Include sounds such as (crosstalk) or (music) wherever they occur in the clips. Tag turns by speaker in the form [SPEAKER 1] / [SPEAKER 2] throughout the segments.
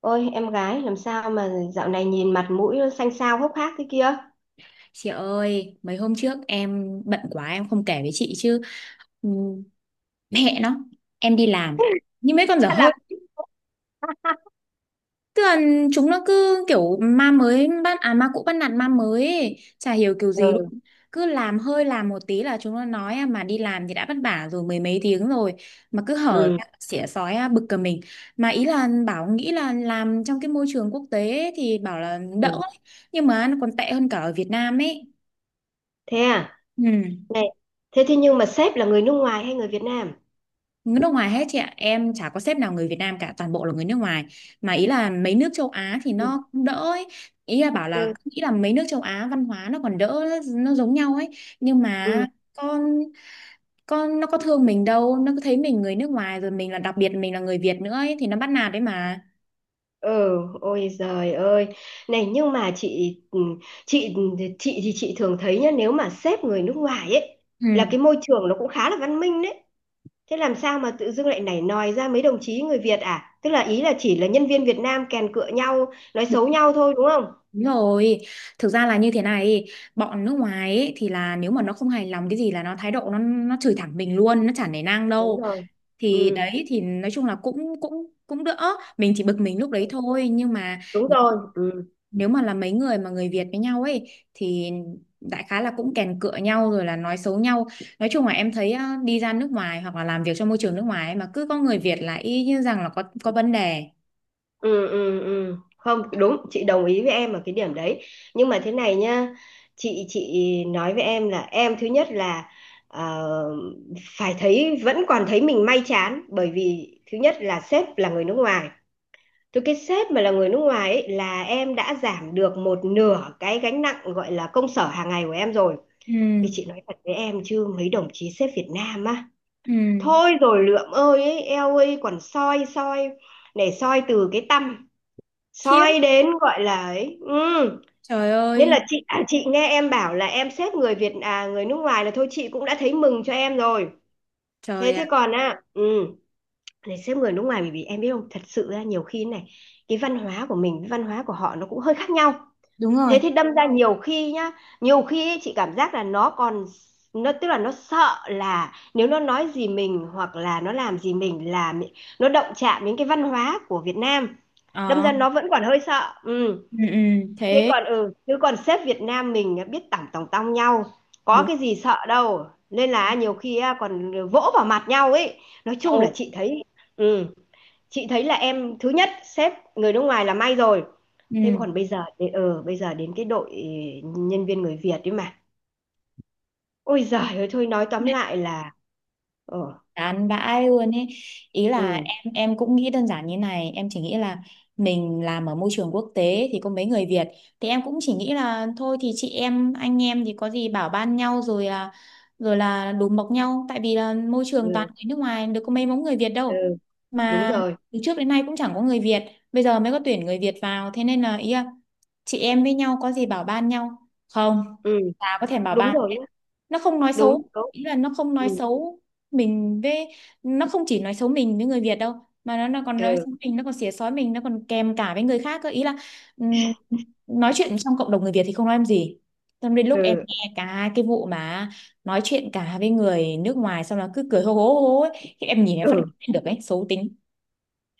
[SPEAKER 1] Ôi, em gái làm sao mà dạo này nhìn mặt mũi nó xanh xao hốc hác thế kia?
[SPEAKER 2] Chị ơi, mấy hôm trước em bận quá em không kể với chị chứ. ừm, Mẹ nó, em đi làm
[SPEAKER 1] (laughs)
[SPEAKER 2] như mấy con dở
[SPEAKER 1] Hay
[SPEAKER 2] hơi.
[SPEAKER 1] là
[SPEAKER 2] Tức là chúng nó cứ kiểu ma mới bắt à ma cũ bắt nạt ma mới ấy. Chả hiểu kiểu gì luôn.
[SPEAKER 1] ừ
[SPEAKER 2] Cứ làm hơi làm một tí là chúng nó nói à, mà đi làm thì đã vất vả rồi mười mấy tiếng rồi mà cứ hở
[SPEAKER 1] ừ
[SPEAKER 2] ra xỉa sói à, bực cả mình. Mà ý là bảo nghĩ là làm trong cái môi trường quốc tế ấy thì bảo là đỡ
[SPEAKER 1] ừ.
[SPEAKER 2] ấy. Nhưng mà nó còn tệ hơn cả ở Việt Nam ấy.
[SPEAKER 1] Thế à?
[SPEAKER 2] Ừ.
[SPEAKER 1] Này, thế thế nhưng mà sếp là người nước ngoài hay người Việt Nam?
[SPEAKER 2] Người nước ngoài hết chị ạ, em chả có sếp nào người Việt Nam cả, toàn bộ là người nước ngoài. Mà ý là mấy nước châu Á thì
[SPEAKER 1] Ừ
[SPEAKER 2] nó cũng đỡ ấy. Ý là bảo là
[SPEAKER 1] ừ
[SPEAKER 2] nghĩ là mấy nước châu Á văn hóa nó còn đỡ, nó giống nhau ấy, nhưng mà
[SPEAKER 1] ừ.
[SPEAKER 2] con con nó có thương mình đâu, nó cứ thấy mình người nước ngoài rồi mình là đặc biệt mình là người Việt nữa ấy thì nó bắt nạt đấy mà.
[SPEAKER 1] Ừ, ôi giời ơi, này nhưng mà chị ừ, chị chị thì chị thường thấy nhá, nếu mà sếp người nước ngoài ấy là
[SPEAKER 2] Ừ.
[SPEAKER 1] cái môi trường nó cũng khá là văn minh đấy. Thế làm sao mà tự dưng lại nảy nòi ra mấy đồng chí người Việt à, tức là ý là chỉ là nhân viên Việt Nam kèn cựa nhau nói xấu nhau thôi, đúng không?
[SPEAKER 2] Đúng rồi, thực ra là như thế này, bọn nước ngoài ấy, thì là nếu mà nó không hài lòng cái gì là nó thái độ nó chửi thẳng mình luôn, nó chả nể nang
[SPEAKER 1] Đúng
[SPEAKER 2] đâu.
[SPEAKER 1] rồi.
[SPEAKER 2] Thì
[SPEAKER 1] Ừ,
[SPEAKER 2] đấy thì nói chung là cũng cũng cũng đỡ, mình chỉ bực mình lúc đấy thôi, nhưng mà
[SPEAKER 1] đúng
[SPEAKER 2] nếu
[SPEAKER 1] rồi. Ừ
[SPEAKER 2] nếu mà là mấy người mà người Việt với nhau ấy thì đại khái là cũng kèn cựa nhau rồi là nói xấu nhau. Nói chung là em thấy á, đi ra nước ngoài hoặc là làm việc trong môi trường nước ngoài ấy, mà cứ có người Việt là y như rằng là có vấn đề.
[SPEAKER 1] ừ ừ ừ. Không đúng, chị đồng ý với em ở cái điểm đấy, nhưng mà thế này nhá, chị nói với em là em thứ nhất là ờ, phải thấy vẫn còn thấy mình may chán, bởi vì thứ nhất là sếp là người nước ngoài. Từ cái sếp mà là người nước ngoài ấy, là em đã giảm được một nửa cái gánh nặng gọi là công sở hàng ngày của em rồi. Vì
[SPEAKER 2] Ừ
[SPEAKER 1] chị nói thật với em chứ mấy đồng chí sếp Việt Nam á,
[SPEAKER 2] ừ.
[SPEAKER 1] thôi rồi lượm ơi ấy, eo ơi còn soi soi, này soi từ cái tâm
[SPEAKER 2] Khiếp.
[SPEAKER 1] soi đến gọi là ấy ừ.
[SPEAKER 2] Trời
[SPEAKER 1] Nên là
[SPEAKER 2] ơi.
[SPEAKER 1] chị à, chị nghe em bảo là em xếp người Việt à người nước ngoài là thôi chị cũng đã thấy mừng cho em rồi. thế
[SPEAKER 2] Trời
[SPEAKER 1] thế
[SPEAKER 2] ạ.
[SPEAKER 1] còn à ừ, để xếp người nước ngoài, bởi vì em biết không, thật sự ra nhiều khi này cái văn hóa của mình với văn hóa của họ nó cũng hơi khác nhau,
[SPEAKER 2] Đúng rồi.
[SPEAKER 1] thế thì đâm ra nhiều khi nhá, nhiều khi ấy, chị cảm giác là nó còn tức là nó sợ là nếu nó nói gì mình hoặc là nó làm gì mình là nó động chạm đến cái văn hóa của Việt Nam, đâm
[SPEAKER 2] Ờ,
[SPEAKER 1] ra nó vẫn còn hơi sợ ừ.
[SPEAKER 2] ừ, ừ,
[SPEAKER 1] Thế
[SPEAKER 2] thế
[SPEAKER 1] còn ừ, chứ còn sếp Việt Nam mình biết tỏng tòng tong nhau, có
[SPEAKER 2] đúng
[SPEAKER 1] cái gì sợ đâu nên là nhiều khi á, còn vỗ vào mặt nhau ấy. Nói chung là
[SPEAKER 2] đâu
[SPEAKER 1] chị thấy ừ, chị thấy là em thứ nhất sếp người nước ngoài là may rồi. Thế
[SPEAKER 2] ừ.
[SPEAKER 1] còn bây giờ ờ bây giờ đến cái đội nhân viên người Việt ấy mà. Ôi giời ơi thôi nói tóm lại là ờ
[SPEAKER 2] Chán vãi luôn ấy. Ý là
[SPEAKER 1] ừ
[SPEAKER 2] em cũng nghĩ đơn giản như này, em chỉ nghĩ là mình làm ở môi trường quốc tế thì có mấy người Việt, thì em cũng chỉ nghĩ là thôi thì chị em anh em thì có gì bảo ban nhau rồi à, rồi là đùm bọc nhau, tại vì là môi
[SPEAKER 1] ừ,
[SPEAKER 2] trường toàn người nước ngoài được có mấy mống người Việt
[SPEAKER 1] ừ
[SPEAKER 2] đâu,
[SPEAKER 1] đúng
[SPEAKER 2] mà
[SPEAKER 1] rồi.
[SPEAKER 2] từ trước đến nay cũng chẳng có người Việt, bây giờ mới có tuyển người Việt vào thế nên là ý là chị em với nhau có gì bảo ban nhau. Không,
[SPEAKER 1] Ừ,
[SPEAKER 2] chả có thèm bảo
[SPEAKER 1] đúng
[SPEAKER 2] ban,
[SPEAKER 1] rồi nhá.
[SPEAKER 2] nó không nói
[SPEAKER 1] Đúng
[SPEAKER 2] xấu,
[SPEAKER 1] đúng.
[SPEAKER 2] ý là nó không nói
[SPEAKER 1] Ừ
[SPEAKER 2] xấu mình với, nó không chỉ nói xấu mình với người Việt đâu, mà nó còn nói
[SPEAKER 1] ừ
[SPEAKER 2] xấu mình, nó còn xỉa xói mình, nó còn kèm cả với người khác cơ, ý là ừm, nói chuyện trong cộng đồng người Việt thì không nói em gì, xong đến lúc em
[SPEAKER 1] ừ
[SPEAKER 2] nghe cả cái vụ mà nói chuyện cả với người nước ngoài xong là cứ cười hô hố ấy. Thì em nhìn em phát
[SPEAKER 1] ừ
[SPEAKER 2] hiện được ấy, xấu tính.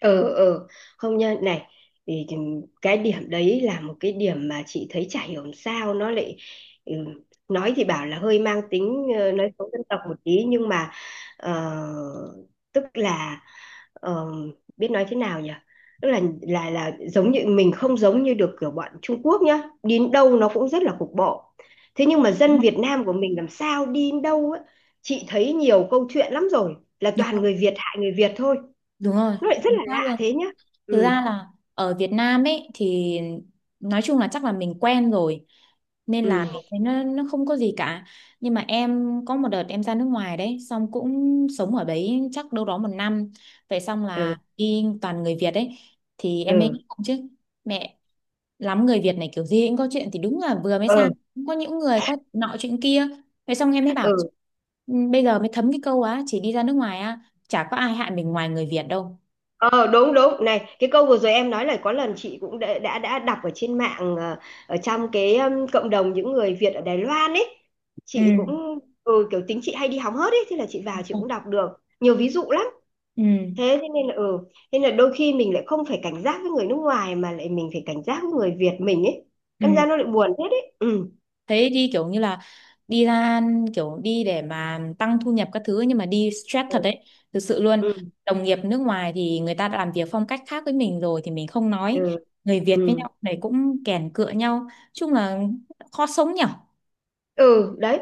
[SPEAKER 1] ừ ừ, không nha, này thì cái điểm đấy là một cái điểm mà chị thấy chả hiểu làm sao nó lại ừ, nói thì bảo là hơi mang tính ờ, nói xấu dân tộc một tí nhưng mà ờ, tức là ờ, biết nói thế nào nhỉ, tức là giống như mình không giống như được kiểu bọn Trung Quốc nhá, đi đến đâu nó cũng rất là cục bộ. Thế nhưng mà
[SPEAKER 2] Đúng
[SPEAKER 1] dân
[SPEAKER 2] không?
[SPEAKER 1] Việt Nam của mình làm sao đi đến đâu á, chị thấy nhiều câu chuyện lắm rồi là
[SPEAKER 2] Đúng
[SPEAKER 1] toàn
[SPEAKER 2] rồi.
[SPEAKER 1] người Việt hại người Việt thôi,
[SPEAKER 2] Đúng rồi.
[SPEAKER 1] nó lại rất
[SPEAKER 2] Chính
[SPEAKER 1] là
[SPEAKER 2] xác
[SPEAKER 1] lạ
[SPEAKER 2] luôn.
[SPEAKER 1] thế nhá.
[SPEAKER 2] Thực ra
[SPEAKER 1] Ừ
[SPEAKER 2] là ở Việt Nam ấy thì nói chung là chắc là mình quen rồi, nên là
[SPEAKER 1] ừ
[SPEAKER 2] mình thấy nó không có gì cả. Nhưng mà em có một đợt em ra nước ngoài đấy, xong cũng sống ở đấy chắc đâu đó một năm. Vậy xong
[SPEAKER 1] ừ
[SPEAKER 2] là đi toàn người Việt ấy, thì em ấy
[SPEAKER 1] ừ
[SPEAKER 2] cũng không chứ. Mẹ, lắm người Việt này kiểu gì cũng có chuyện, thì đúng là vừa mới
[SPEAKER 1] ừ
[SPEAKER 2] sang cũng có những người có nọ chuyện kia. Vậy xong em mới
[SPEAKER 1] (laughs)
[SPEAKER 2] bảo
[SPEAKER 1] ừ
[SPEAKER 2] "Ừ, bây giờ mới thấm cái câu á, chỉ đi ra nước ngoài á chả có ai hại mình ngoài người Việt đâu.
[SPEAKER 1] ờ đúng đúng, này cái câu vừa rồi em nói là có lần chị cũng đã đã đọc ở trên mạng ờ, ở trong cái cộng đồng những người Việt ở Đài Loan ấy,
[SPEAKER 2] Ừ.
[SPEAKER 1] chị cũng ừ, kiểu tính chị hay đi hóng hớt ấy, thế là chị vào chị cũng đọc được nhiều ví dụ lắm.
[SPEAKER 2] Ừ.
[SPEAKER 1] Thế thế nên là ừ, nên là đôi khi mình lại không phải cảnh giác với người nước ngoài mà lại mình phải cảnh giác với người Việt mình ấy,
[SPEAKER 2] Ừ.
[SPEAKER 1] đâm ra nó lại buồn hết ấy ừ.
[SPEAKER 2] Thế đi kiểu như là đi ra, kiểu đi để mà tăng thu nhập các thứ nhưng mà đi stress thật
[SPEAKER 1] Ừ
[SPEAKER 2] đấy, thực sự luôn.
[SPEAKER 1] ừ
[SPEAKER 2] Đồng nghiệp nước ngoài thì người ta đã làm việc phong cách khác với mình rồi thì mình không nói,
[SPEAKER 1] ừ
[SPEAKER 2] người Việt với
[SPEAKER 1] ừ,
[SPEAKER 2] nhau này cũng kèn cựa nhau, chung là khó sống nhở.
[SPEAKER 1] ừ. Đấy.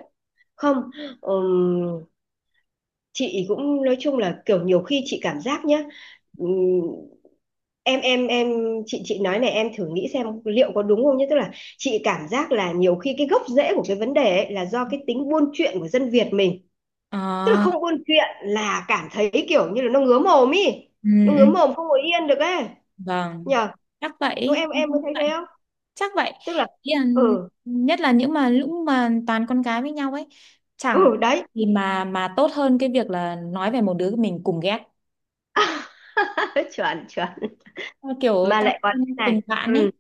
[SPEAKER 1] Không, ừm, chị cũng nói chung là kiểu nhiều khi chị cảm giác nhá, ừm, em, chị nói này em thử nghĩ xem liệu có đúng không nhé, tức là chị cảm giác là nhiều khi cái gốc rễ của cái vấn đề ấy là do cái tính buôn chuyện của dân Việt mình, tức là
[SPEAKER 2] À,
[SPEAKER 1] không buôn chuyện là cảm thấy kiểu như là nó ngứa mồm ý,
[SPEAKER 2] ừ,
[SPEAKER 1] nó ngứa
[SPEAKER 2] ừ.
[SPEAKER 1] mồm không ngồi yên được ấy,
[SPEAKER 2] Vâng,
[SPEAKER 1] nhờ?
[SPEAKER 2] chắc vậy
[SPEAKER 1] Đúng, em
[SPEAKER 2] em
[SPEAKER 1] em có
[SPEAKER 2] cũng
[SPEAKER 1] thấy
[SPEAKER 2] vậy.
[SPEAKER 1] thế không,
[SPEAKER 2] Chắc vậy.
[SPEAKER 1] tức là
[SPEAKER 2] Ý là,
[SPEAKER 1] ừ
[SPEAKER 2] nhất là những mà lúc mà toàn con gái với nhau ấy, chẳng
[SPEAKER 1] ừ đấy
[SPEAKER 2] thì mà tốt hơn cái việc là nói về một đứa mình cùng ghét.
[SPEAKER 1] (laughs) chuẩn chuẩn,
[SPEAKER 2] Ờ, kiểu
[SPEAKER 1] mà
[SPEAKER 2] tăng
[SPEAKER 1] lại còn thế
[SPEAKER 2] thêm
[SPEAKER 1] này
[SPEAKER 2] tình bạn
[SPEAKER 1] ừ
[SPEAKER 2] ấy.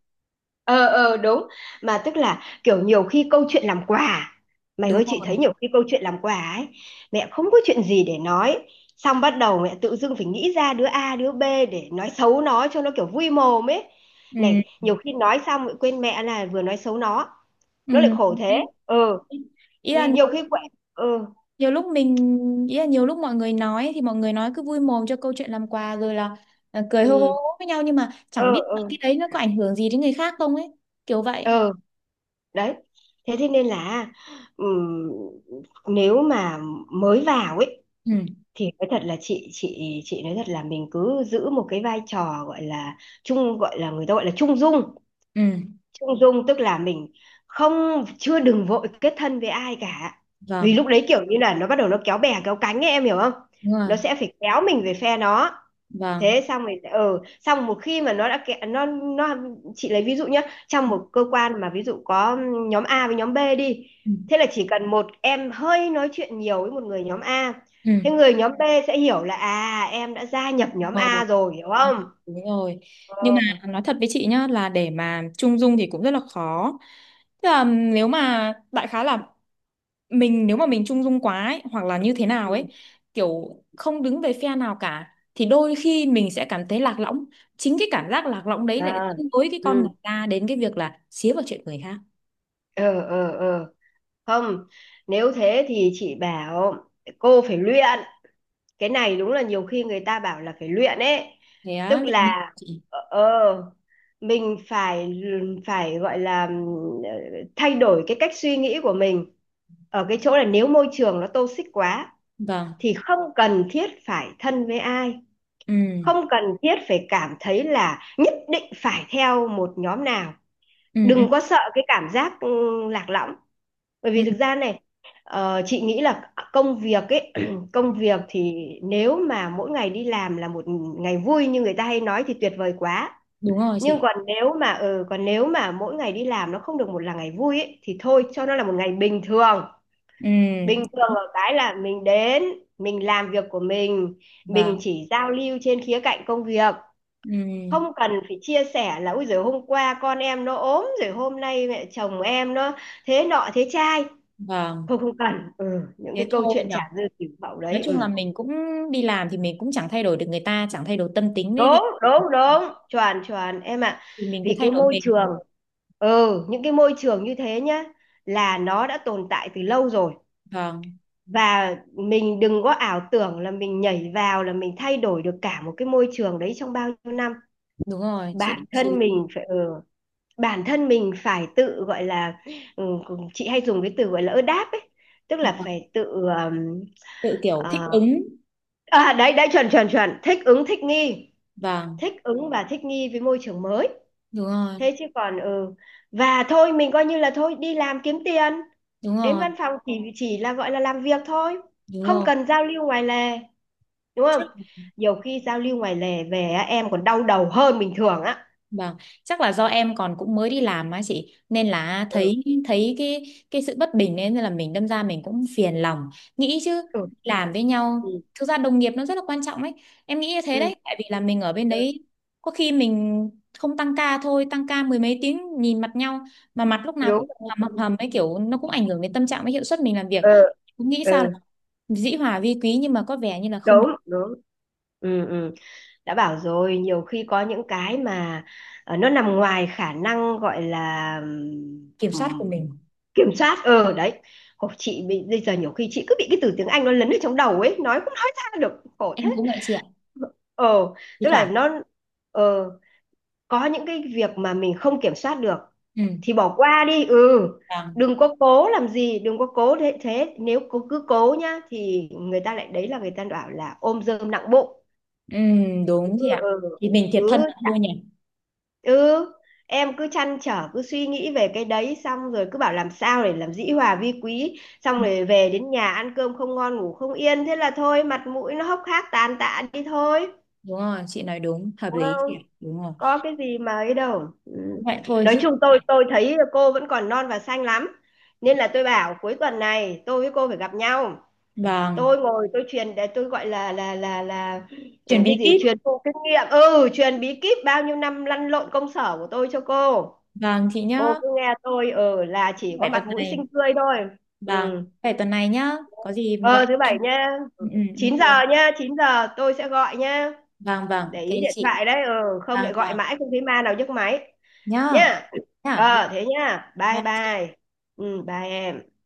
[SPEAKER 1] ờ ờ đúng. Mà tức là kiểu nhiều khi câu chuyện làm quà à? Mày
[SPEAKER 2] Đúng
[SPEAKER 1] ơi, chị thấy
[SPEAKER 2] rồi.
[SPEAKER 1] nhiều khi câu chuyện làm quà ấy, mẹ không có chuyện gì để nói xong bắt đầu mẹ tự dưng phải nghĩ ra đứa A đứa B để nói xấu nó cho nó kiểu vui mồm ấy,
[SPEAKER 2] Ừ
[SPEAKER 1] này nhiều khi nói xong lại quên mẹ là vừa nói xấu nó
[SPEAKER 2] ừ
[SPEAKER 1] nó lại khổ thế.
[SPEAKER 2] đấy.
[SPEAKER 1] Ừ
[SPEAKER 2] Ý là
[SPEAKER 1] nhiều khi quậy ừ
[SPEAKER 2] nhiều lúc mình ý là nhiều lúc mọi người nói, thì mọi người nói cứ vui mồm cho câu chuyện làm quà rồi là ờ, cười hô hô
[SPEAKER 1] ừ
[SPEAKER 2] hô với nhau nhưng mà
[SPEAKER 1] ừ
[SPEAKER 2] chẳng biết là
[SPEAKER 1] ừ
[SPEAKER 2] cái đấy nó có ảnh hưởng gì đến người khác không ấy, kiểu vậy.
[SPEAKER 1] ừ. Đấy, thế thế nên là ừm, nếu mà mới vào ấy
[SPEAKER 2] Ừ
[SPEAKER 1] thì nói thật là chị chị nói thật là mình cứ giữ một cái vai trò gọi là trung gọi là người ta gọi là trung dung,
[SPEAKER 2] ừ.
[SPEAKER 1] trung dung tức là mình không chưa đừng vội kết thân với ai cả, vì
[SPEAKER 2] Vâng.
[SPEAKER 1] lúc đấy kiểu như là nó bắt đầu nó kéo bè kéo cánh ấy, em hiểu không?
[SPEAKER 2] Đúng
[SPEAKER 1] Nó
[SPEAKER 2] rồi.
[SPEAKER 1] sẽ phải kéo mình về phe nó.
[SPEAKER 2] Vâng.
[SPEAKER 1] Thế xong rồi ừ xong một khi mà nó đã kẹ, nó chị lấy ví dụ nhé, trong một cơ quan mà ví dụ có nhóm A với nhóm B đi,
[SPEAKER 2] Ừ
[SPEAKER 1] thế là chỉ cần một em hơi nói chuyện nhiều với một người nhóm A,
[SPEAKER 2] ừ.
[SPEAKER 1] thế người nhóm B sẽ hiểu là à em đã gia nhập nhóm
[SPEAKER 2] Ờ,
[SPEAKER 1] A rồi, hiểu
[SPEAKER 2] đúng,
[SPEAKER 1] không?
[SPEAKER 2] đúng rồi. Nhưng mà
[SPEAKER 1] Ờ
[SPEAKER 2] nói thật với chị nhá là để mà trung dung thì cũng rất là khó. Tức là nếu mà đại khái là mình, nếu mà mình trung dung quá ấy, hoặc là như thế nào
[SPEAKER 1] ừ
[SPEAKER 2] ấy, kiểu không đứng về phe nào cả thì đôi khi mình sẽ cảm thấy lạc lõng. Chính cái cảm giác lạc lõng đấy lại
[SPEAKER 1] à,
[SPEAKER 2] dẫn lối cái con người
[SPEAKER 1] ừ
[SPEAKER 2] ta đến cái việc là xía vào chuyện người khác.
[SPEAKER 1] ờ ờ ờ. Không, nếu thế thì chị bảo cô phải luyện, cái này đúng là nhiều khi người ta bảo là phải luyện ấy,
[SPEAKER 2] Thế á,
[SPEAKER 1] tức
[SPEAKER 2] Linh-
[SPEAKER 1] là
[SPEAKER 2] chị.
[SPEAKER 1] ờ ờ, mình phải phải gọi là ừ, thay đổi cái cách suy nghĩ của mình ở cái chỗ là nếu môi trường nó toxic quá
[SPEAKER 2] Vâng.
[SPEAKER 1] thì không cần thiết phải thân với ai,
[SPEAKER 2] Ừ.
[SPEAKER 1] không cần thiết phải cảm thấy là nhất định phải theo một nhóm nào,
[SPEAKER 2] Ừ ừ
[SPEAKER 1] đừng có sợ cái cảm giác ừ, lạc lõng, bởi
[SPEAKER 2] ừ.
[SPEAKER 1] vì thực ra này chị nghĩ là công việc ấy (clears throat) công
[SPEAKER 2] Ừ.
[SPEAKER 1] việc thì nếu mà mỗi ngày đi làm là một ngày vui như người ta hay nói thì tuyệt vời quá.
[SPEAKER 2] Đúng rồi
[SPEAKER 1] Nhưng
[SPEAKER 2] chị.
[SPEAKER 1] còn nếu mà ừ, còn nếu mà mỗi ngày đi làm nó không được một là ngày vui ấy, thì thôi cho nó là một ngày bình thường,
[SPEAKER 2] Ừ.
[SPEAKER 1] bình thường ở cái là mình đến mình làm việc của mình
[SPEAKER 2] Vâng.
[SPEAKER 1] mình chỉ giao lưu trên khía cạnh công việc,
[SPEAKER 2] Ừ.
[SPEAKER 1] không cần phải chia sẻ là ôi giời hôm qua con em nó ốm rồi hôm nay mẹ chồng em nó thế nọ thế trai,
[SPEAKER 2] Vâng.
[SPEAKER 1] không không cần ừ, những cái
[SPEAKER 2] Thế
[SPEAKER 1] câu
[SPEAKER 2] thôi
[SPEAKER 1] chuyện
[SPEAKER 2] nhở,
[SPEAKER 1] chả dư tiểu hậu
[SPEAKER 2] nói
[SPEAKER 1] đấy
[SPEAKER 2] chung là
[SPEAKER 1] ừ.
[SPEAKER 2] mình cũng đi làm thì mình cũng chẳng thay đổi được người ta, chẳng thay đổi tâm tính đấy
[SPEAKER 1] Đúng
[SPEAKER 2] thì
[SPEAKER 1] đúng đúng chuẩn chuẩn em ạ,
[SPEAKER 2] mình cứ
[SPEAKER 1] vì
[SPEAKER 2] thay
[SPEAKER 1] cái
[SPEAKER 2] đổi
[SPEAKER 1] môi
[SPEAKER 2] mình.
[SPEAKER 1] trường ừ những cái môi trường như thế nhá là nó đã tồn tại từ lâu rồi,
[SPEAKER 2] Vâng,
[SPEAKER 1] và mình đừng có ảo tưởng là mình nhảy vào là mình thay đổi được cả một cái môi trường đấy trong bao nhiêu năm.
[SPEAKER 2] đúng rồi chị
[SPEAKER 1] Bản
[SPEAKER 2] chị
[SPEAKER 1] thân mình
[SPEAKER 2] lý.
[SPEAKER 1] phải ừ, bản thân mình phải tự, gọi là, chị hay dùng cái từ, gọi là, đáp ấy, tức là
[SPEAKER 2] Vâng.
[SPEAKER 1] phải tự, ờm,
[SPEAKER 2] Tự kiểu thích
[SPEAKER 1] ờ
[SPEAKER 2] ứng.
[SPEAKER 1] à, đấy, đấy, chuẩn, chuẩn, chuẩn, thích ứng, thích nghi,
[SPEAKER 2] Vâng.
[SPEAKER 1] thích ứng và thích nghi với môi trường mới.
[SPEAKER 2] Đúng rồi.
[SPEAKER 1] Thế chứ còn ừ, và thôi mình coi như là thôi đi làm kiếm tiền,
[SPEAKER 2] Đúng
[SPEAKER 1] đến
[SPEAKER 2] rồi.
[SPEAKER 1] văn phòng chỉ là, gọi là, làm việc thôi,
[SPEAKER 2] Đúng
[SPEAKER 1] không
[SPEAKER 2] rồi.
[SPEAKER 1] cần giao lưu ngoài lề, đúng không?
[SPEAKER 2] Chắc.
[SPEAKER 1] Nhiều khi giao lưu ngoài lề về á, em còn đau đầu hơn bình thường á.
[SPEAKER 2] Vâng, chắc là do em còn cũng mới đi làm á chị, nên là
[SPEAKER 1] Ừ,
[SPEAKER 2] thấy thấy cái sự bất bình, nên là mình đâm ra mình cũng phiền lòng, nghĩ chứ.
[SPEAKER 1] ừ,
[SPEAKER 2] Làm với nhau,
[SPEAKER 1] ừ,
[SPEAKER 2] thực ra đồng nghiệp nó rất là quan trọng ấy, em nghĩ như thế
[SPEAKER 1] ừ,
[SPEAKER 2] đấy, tại vì là mình ở bên
[SPEAKER 1] ừ,
[SPEAKER 2] đấy có khi mình không tăng ca thôi, tăng ca mười mấy tiếng nhìn mặt nhau mà mặt lúc nào
[SPEAKER 1] đúng
[SPEAKER 2] cũng
[SPEAKER 1] rồi.
[SPEAKER 2] hầm hầm hầm ấy, kiểu nó cũng ảnh hưởng đến tâm trạng với hiệu suất mình làm việc,
[SPEAKER 1] Ừ,
[SPEAKER 2] cũng nghĩ
[SPEAKER 1] ừ.
[SPEAKER 2] sao là
[SPEAKER 1] Ừ.
[SPEAKER 2] dĩ hòa vi quý, nhưng mà có vẻ như là không
[SPEAKER 1] Đúng
[SPEAKER 2] được.
[SPEAKER 1] đúng. Ừ, ừ. Đã bảo rồi nhiều khi có những cái mà nó nằm ngoài khả năng gọi là
[SPEAKER 2] Kiểm soát của
[SPEAKER 1] ừm,
[SPEAKER 2] mình.
[SPEAKER 1] kiểm soát ờ đấy, khổ chị bị bây giờ nhiều khi chị cứ bị cái từ tiếng Anh nó lấn ở trong đầu ấy nói cũng nói ra được, khổ thế.
[SPEAKER 2] Em cũng vậy chị ạ,
[SPEAKER 1] Ờ
[SPEAKER 2] thi
[SPEAKER 1] tức là
[SPEAKER 2] thoảng
[SPEAKER 1] nó ờ có những cái việc mà mình không kiểm soát được
[SPEAKER 2] ừ.
[SPEAKER 1] thì bỏ qua đi ừ,
[SPEAKER 2] Vâng.
[SPEAKER 1] đừng có cố làm gì đừng có cố thế thế nếu cứ cố nhá thì người ta lại đấy là người ta bảo là ôm dơm nặng bụng.
[SPEAKER 2] Ừ, đúng chị ạ.
[SPEAKER 1] Ừ,
[SPEAKER 2] Thì mình thiệt thân
[SPEAKER 1] cứ
[SPEAKER 2] là thôi nhỉ.
[SPEAKER 1] ừ, em cứ trăn trở cứ suy nghĩ về cái đấy xong rồi cứ bảo làm sao để làm dĩ hòa vi quý xong
[SPEAKER 2] Ừ,
[SPEAKER 1] rồi về đến nhà ăn cơm không ngon ngủ không yên thế là thôi mặt mũi nó hốc hác tàn tạ đi thôi,
[SPEAKER 2] đúng rồi, chị nói đúng, hợp
[SPEAKER 1] đúng
[SPEAKER 2] lý chị
[SPEAKER 1] không,
[SPEAKER 2] ạ. Đúng rồi.
[SPEAKER 1] có cái gì mà ấy đâu ừ.
[SPEAKER 2] Cũng vậy thôi
[SPEAKER 1] Nói
[SPEAKER 2] giúp
[SPEAKER 1] chung
[SPEAKER 2] chị
[SPEAKER 1] tôi
[SPEAKER 2] ạ.
[SPEAKER 1] tôi thấy cô vẫn còn non và xanh lắm, nên là tôi bảo cuối tuần này tôi với cô phải gặp nhau,
[SPEAKER 2] Vâng,
[SPEAKER 1] tôi ngồi tôi truyền để tôi gọi là
[SPEAKER 2] chuẩn
[SPEAKER 1] ừ, cái
[SPEAKER 2] bị
[SPEAKER 1] gì
[SPEAKER 2] kíp.
[SPEAKER 1] truyền thụ kinh nghiệm, ừ truyền bí kíp bao nhiêu năm lăn lộn công sở của tôi cho cô.
[SPEAKER 2] Vâng chị nhá,
[SPEAKER 1] Cô cứ nghe tôi ừ là chỉ có
[SPEAKER 2] phải
[SPEAKER 1] mặt
[SPEAKER 2] tuần
[SPEAKER 1] mũi
[SPEAKER 2] này.
[SPEAKER 1] xinh tươi thôi.
[SPEAKER 2] Vâng,
[SPEAKER 1] Ừ,
[SPEAKER 2] phải tuần này nhá. Có gì mà
[SPEAKER 1] ờ
[SPEAKER 2] gọi
[SPEAKER 1] thứ bảy
[SPEAKER 2] em.
[SPEAKER 1] nha,
[SPEAKER 2] Ừ, ừ,
[SPEAKER 1] 9 giờ
[SPEAKER 2] ok.
[SPEAKER 1] nha, 9 giờ tôi sẽ gọi nha,
[SPEAKER 2] Vâng, vâng,
[SPEAKER 1] để
[SPEAKER 2] ok
[SPEAKER 1] ý điện
[SPEAKER 2] chị.
[SPEAKER 1] thoại đấy ừ, không
[SPEAKER 2] Vâng,
[SPEAKER 1] lại gọi
[SPEAKER 2] vâng.
[SPEAKER 1] mãi không thấy ma nào nhấc máy
[SPEAKER 2] Nhá.
[SPEAKER 1] nha. Ờ thế nha bye
[SPEAKER 2] Nhá.
[SPEAKER 1] bye. Ừ bye em.